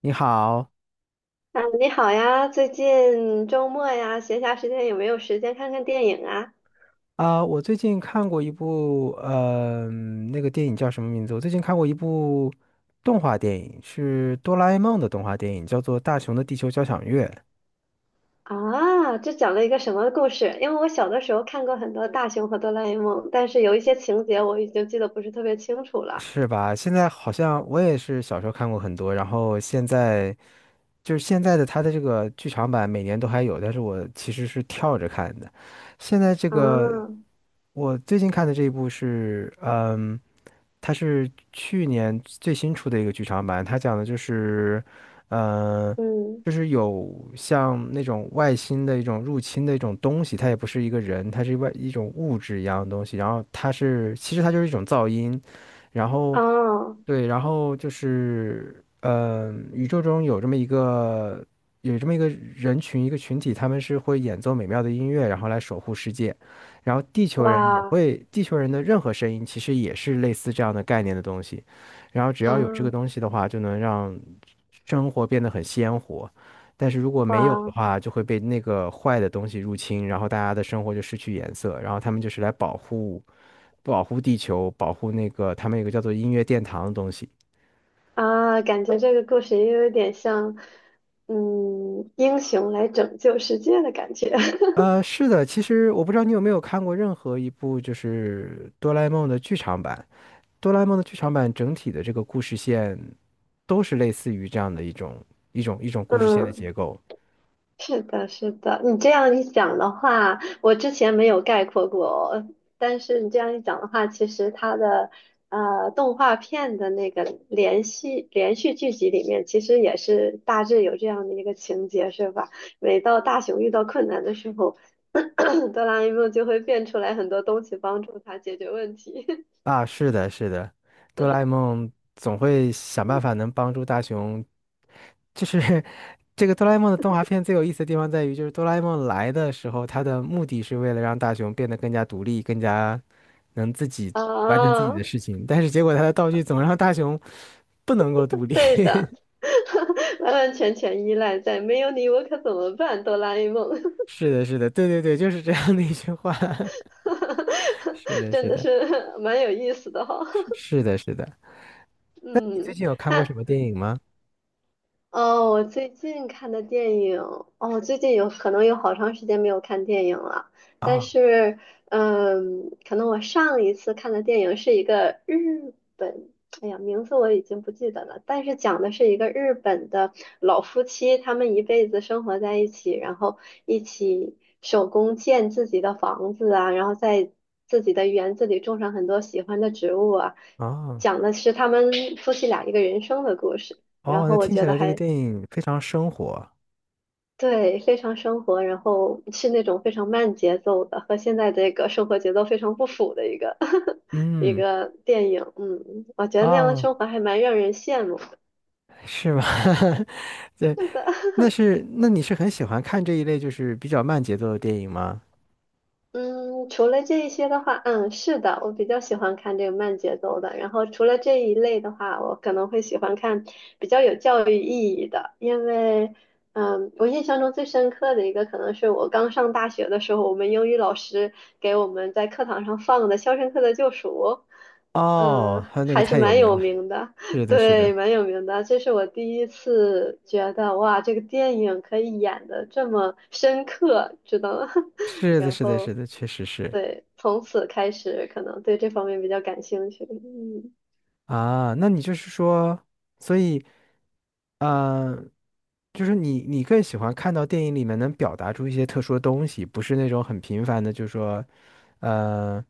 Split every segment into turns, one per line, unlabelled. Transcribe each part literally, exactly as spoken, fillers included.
你好
啊，你好呀，最近周末呀，闲暇时间有没有时间看看电影啊？
啊，我最近看过一部，呃，那个电影叫什么名字？我最近看过一部动画电影，是哆啦 A 梦的动画电影，叫做《大雄的地球交响乐》，
啊，这讲了一个什么故事？因为我小的时候看过很多《大雄和哆啦 A 梦》，但是有一些情节我已经记得不是特别清楚了。
是吧？现在好像我也是小时候看过很多，然后现在就是现在的它的这个剧场版每年都还有，但是我其实是跳着看的。现在这
啊，
个我最近看的这一部是，嗯。它是去年最新出的一个剧场版，它讲的就是，呃，
嗯，
就是有像那种外星的一种入侵的一种东西，它也不是一个人，它是外一种物质一样的东西，然后它是其实它就是一种噪音，然后
哦，
对，然后就是，呃，宇宙中有这么一个有这么一个人群，一个群体，他们是会演奏美妙的音乐，然后来守护世界。然后地球人也
哇，
会，地球人的任何声音其实也是类似这样的概念的东西。然后只
啊，
要有这个东西的话，就能让生活变得很鲜活。但是如果没有的
哇，
话，就会被那个坏的东西入侵，然后大家的生活就失去颜色。然后他们就是来保护保护地球，保护那个他们有个叫做音乐殿堂的东西。
啊，感觉这个故事也有点像，嗯，英雄来拯救世界的感觉。
呃，是的，其实我不知道你有没有看过任何一部就是哆啦 A 梦的剧场版。哆啦 A 梦的剧场版整体的这个故事线都是类似于这样的一种一种一种故事线的结 构。
是的，是的，你这样一讲的话，我之前没有概括过，但是你这样一讲的话，其实它的呃动画片的那个连续连续剧集里面，其实也是大致有这样的一个情节，是吧？每到大雄遇到困难的时候，哆啦 A 梦就会变出来很多东西帮助他解决问题。
啊，是的，是的，哆啦 A 梦总会想办法能帮助大雄。就是 这个哆啦 A 梦的动画片最有意思的地方在于，就是哆啦 A 梦来的时候，它的目的是为了让大雄变得更加独立，更加能自己完成自己
啊，
的事情。但是结果他的道具总让大雄不能够独立。
对 的，完完全全依赖在没有你我可怎么办，哆啦 A 梦。
是的，是的，对对对，就是这样的一句话。是 的，
真
是
的
的，
是蛮有意思的哈。
是 是的，是的。那你最
嗯，
近有看过
那
什么电影吗？
哦，我最近看的电影，哦，我最近有可能有好长时间没有看电影了。但
啊，
是，嗯，可能我上一次看的电影是一个日本，哎呀，名字我已经不记得了。但是讲的是一个日本的老夫妻，他们一辈子生活在一起，然后一起手工建自己的房子啊，然后在自己的园子里种上很多喜欢的植物啊。
啊，
讲的是他们夫妻俩一个人生的故事。然
哦，
后
那
我
听起
觉得
来这个
还
电影非常生活。
对，非常生活，然后是那种非常慢节奏的，和现在这个生活节奏非常不符的一个 一
嗯，
个电影。嗯，我觉得那样的
哦，
生活还蛮让人羡慕。
是吗？对，那是，那你是很喜欢看这一类就是比较慢节奏的电影吗？
嗯，除了这一些的话，嗯，是的，我比较喜欢看这个慢节奏的。然后除了这一类的话，我可能会喜欢看比较有教育意义的，因为，嗯，我印象中最深刻的一个可能是我刚上大学的时候，我们英语老师给我们在课堂上放的《肖申克的救赎》，
哦，
嗯，
还有那个
还是
太有
蛮
名
有
了，
名的，
是 的，是
对，
的，
蛮有名的。这是我第一次觉得，哇，这个电影可以演的这么深刻，知道吗？
是的，
然
是的，
后。
是的，确实是
对，从此开始可能对这方面比较感兴趣。嗯
啊。那你就是说，所以，啊。就是你，你更喜欢看到电影里面能表达出一些特殊的东西，不是那种很平凡的，就是说，呃，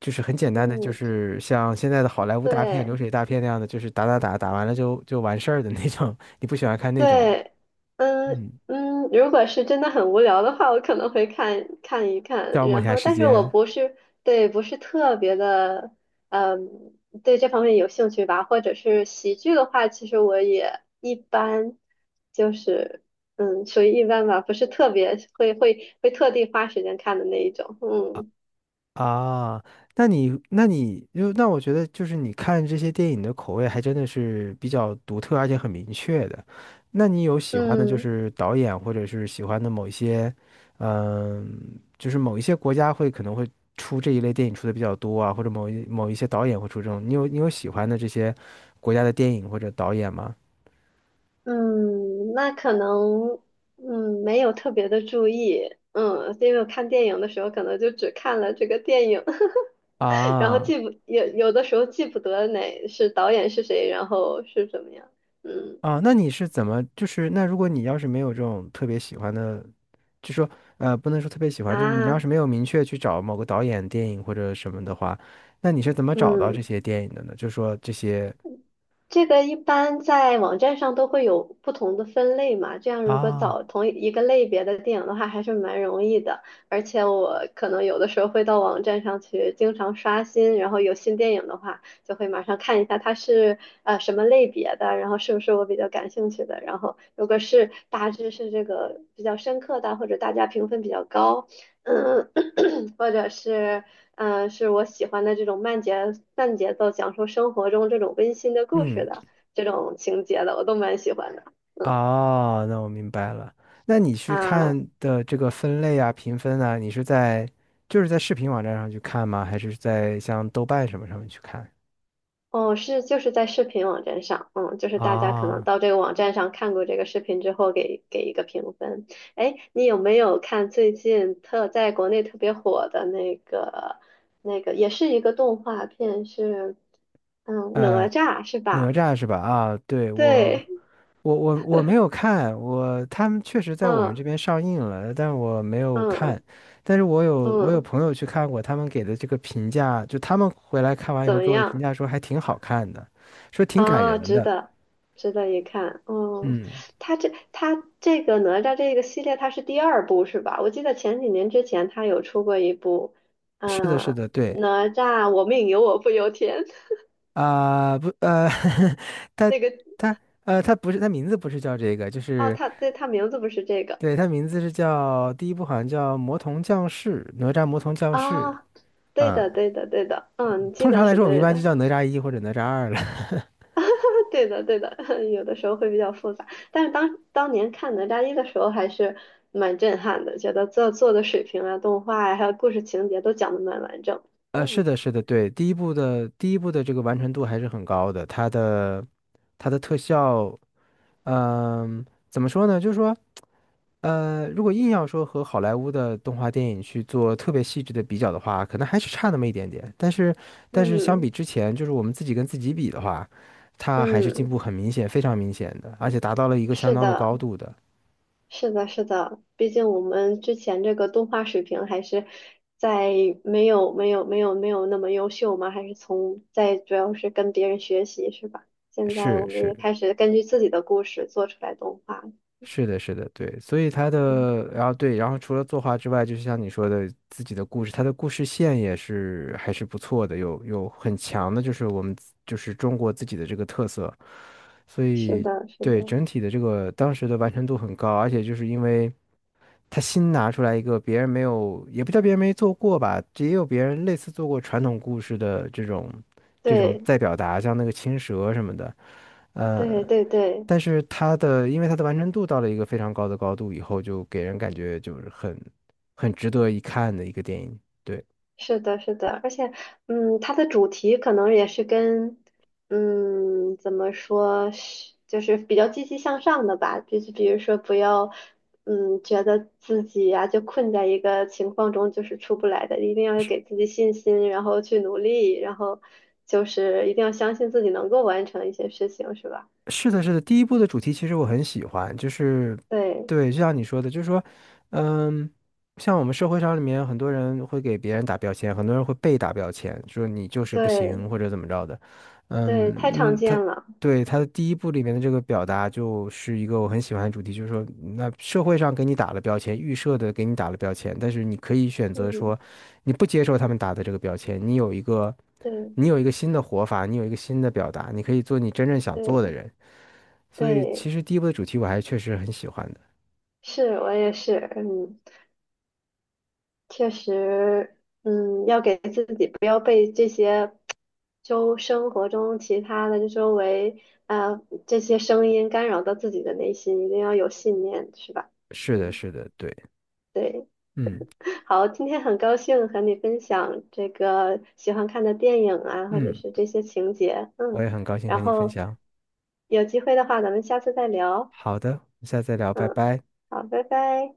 就是很简单的，就
嗯，
是像现在的好莱坞大片、流
对
水大片那样的，就是打打打打完了就就完事儿的那种。你不喜欢看那种
对，嗯
嗯，
嗯，如果是真的很无聊的话，我可能会看看一看，
消磨一
然
下
后，
时
但是我
间。
不是对不是特别的，嗯，对这方面有兴趣吧，或者是喜剧的话，其实我也一般，就是嗯，属于一般吧，不是特别会会会特地花时间看的那一种。嗯
啊，那你那你就那我觉得就是你看这些电影的口味还真的是比较独特，而且很明确的。那你有喜欢的就
嗯。
是导演，或者是喜欢的某一些，嗯，就是某一些国家会可能会出这一类电影出的比较多啊，或者某一某一些导演会出这种。你有你有喜欢的这些国家的电影或者导演吗？
嗯，那可能，嗯，没有特别的注意，嗯，因为我看电影的时候可能就只看了这个电影，然后
啊，
记不，有有的时候记不得哪是导演是谁，然后是怎么样，嗯
啊，那你是怎么就是那如果你要是没有这种特别喜欢的。就说呃，不能说特别喜欢，就是你要
啊，
是没有明确去找某个导演电影或者什么的话，那你是怎么找到这
嗯。
些电影的呢？就说这些，
这个一般在网站上都会有不同的分类嘛，这样如果
啊，
找同一个类别的电影的话，还是蛮容易的。而且我可能有的时候会到网站上去经常刷新，然后有新电影的话，就会马上看一下它是呃什么类别的，然后是不是我比较感兴趣的。然后如果是大致是这个比较深刻的，或者大家评分比较高，嗯。或者是嗯、呃是我喜欢的这种慢节慢节奏，讲述生活中这种温馨的故事
嗯，
的这种情节的，我都蛮喜欢的
哦，那我明白了。那你去
啊。
看的这个分类啊、评分啊，你是在就是在视频网站上去看吗？还是在像豆瓣什么上面去看？
哦，是就是在视频网站上，嗯，就是大家可能
啊，
到这个网站上看过这个视频之后给给一个评分。哎，你有没有看最近特在国内特别火的那个那个也是一个动画片是嗯哪
呃，
吒是
哪
吧？
吒是吧？啊，对，我，
对，
我我我没有看，我他们确实在我们这
嗯
边上映了，但我没有
嗯
看。但是我有我有
嗯，
朋友去看过，他们给的这个评价，就他们回来看完以
怎
后
么
给我的评
样？
价说还挺好看的，说挺感
哦，
人
值
的。
得，值得一看。哦，
嗯，
他这他这个哪吒这个系列，他是第二部是吧？我记得前几年之前他有出过一部，
是的，是
呃，
的，对
哪吒我命由我不由天
啊，不呃，他
那个
他呃他不是他名字不是叫这个，就
哦，
是
他对他名字不是这个
对他名字是叫第一部好像叫《魔童降世》，哪吒魔童降世。
啊，对
嗯。
的，对的，对的，嗯，你记
通常
得
来
是
说，我们一
对
般就
的。
叫哪吒一或者哪吒二了。
对的，对的，有的时候会比较复杂，但是当当年看哪吒一的时候还是蛮震撼的，觉得做做的水平啊、动画呀、还有故事情节都讲的蛮完整。
呃，是
嗯
的，是的，对，第一部的第一部的这个完成度还是很高的，它的它的特效，嗯、怎么说呢？就是说，呃，如果硬要说和好莱坞的动画电影去做特别细致的比较的话，可能还是差那么一点点。但是，但是相比
嗯
之前，就是我们自己跟自己比的话，它还是进
嗯，
步很明显，非常明显的，而且达到了一个相
是
当的
的，
高度的。
是的，是的，毕竟我们之前这个动画水平还是在没有没有没有没有那么优秀嘛，还是从在主要是跟别人学习是吧？现在
是
我们也
是，
开始根据自己的故事做出来动画。
是的，是的，对，所以他
嗯，
的，然后对，然后除了作画之外，就是像你说的，自己的故事，他的故事线也是还是不错的，有有很强的，就是我们自就是中国自己的这个特色，所
是
以
的，是
对
的。
整体的这个当时的完成度很高，而且就是因为他新拿出来一个别人没有，也不叫别人没做过吧，也有别人类似做过传统故事的这种这种
对
再表达，像那个青蛇什么的。
对
呃，
对对，
但是它的，因为它的完成度到了一个非常高的高度以后，就给人感觉就是很很值得一看的一个电影。对。
是的，是的，而且，嗯，它的主题可能也是跟，嗯，怎么说，是就是比较积极向上的吧，就是比如说不要，嗯，觉得自己呀、就困在一个情况中就是出不来的，一定要给自己信心，然后去努力，然后就是一定要相信自己能够完成一些事情，是吧？
是的，
嗯，
是的，第一部的主题其实我很喜欢，就是，
对
对，就像你说的，就是说，嗯，像我们社会上里面很多人会给别人打标签，很多人会被打标签，说你就是不
对
行或者怎么着的，
对，
嗯
太常
嗯，他
见了，
对他的第一部里面的这个表达就是一个我很喜欢的主题，就是说，那社会上给你打了标签，预设的给你打了标签，但是你可以选择说，
嗯，
你不接受他们打的这个标签，你有一个，
对
你有一个新的活法，你有一个新的表达，你可以做你真正想做的
对。
人。所以
对
其实第一部的主题我还确实很喜欢的。
是我也是，嗯，确实，嗯，要给自己不要被这些周生活中其他的周围啊这些声音干扰到自己的内心，一定要有信念，是吧？
是的，
嗯，
是的，对，
对，
嗯
好，今天很高兴和你分享这个喜欢看的电影啊，或者
嗯，
是这些情节，
我
嗯，
也很高兴和
然
你分
后
享。
有机会的话，咱们下次再聊，
好的，下次再聊，拜
嗯，
拜。
好，拜拜。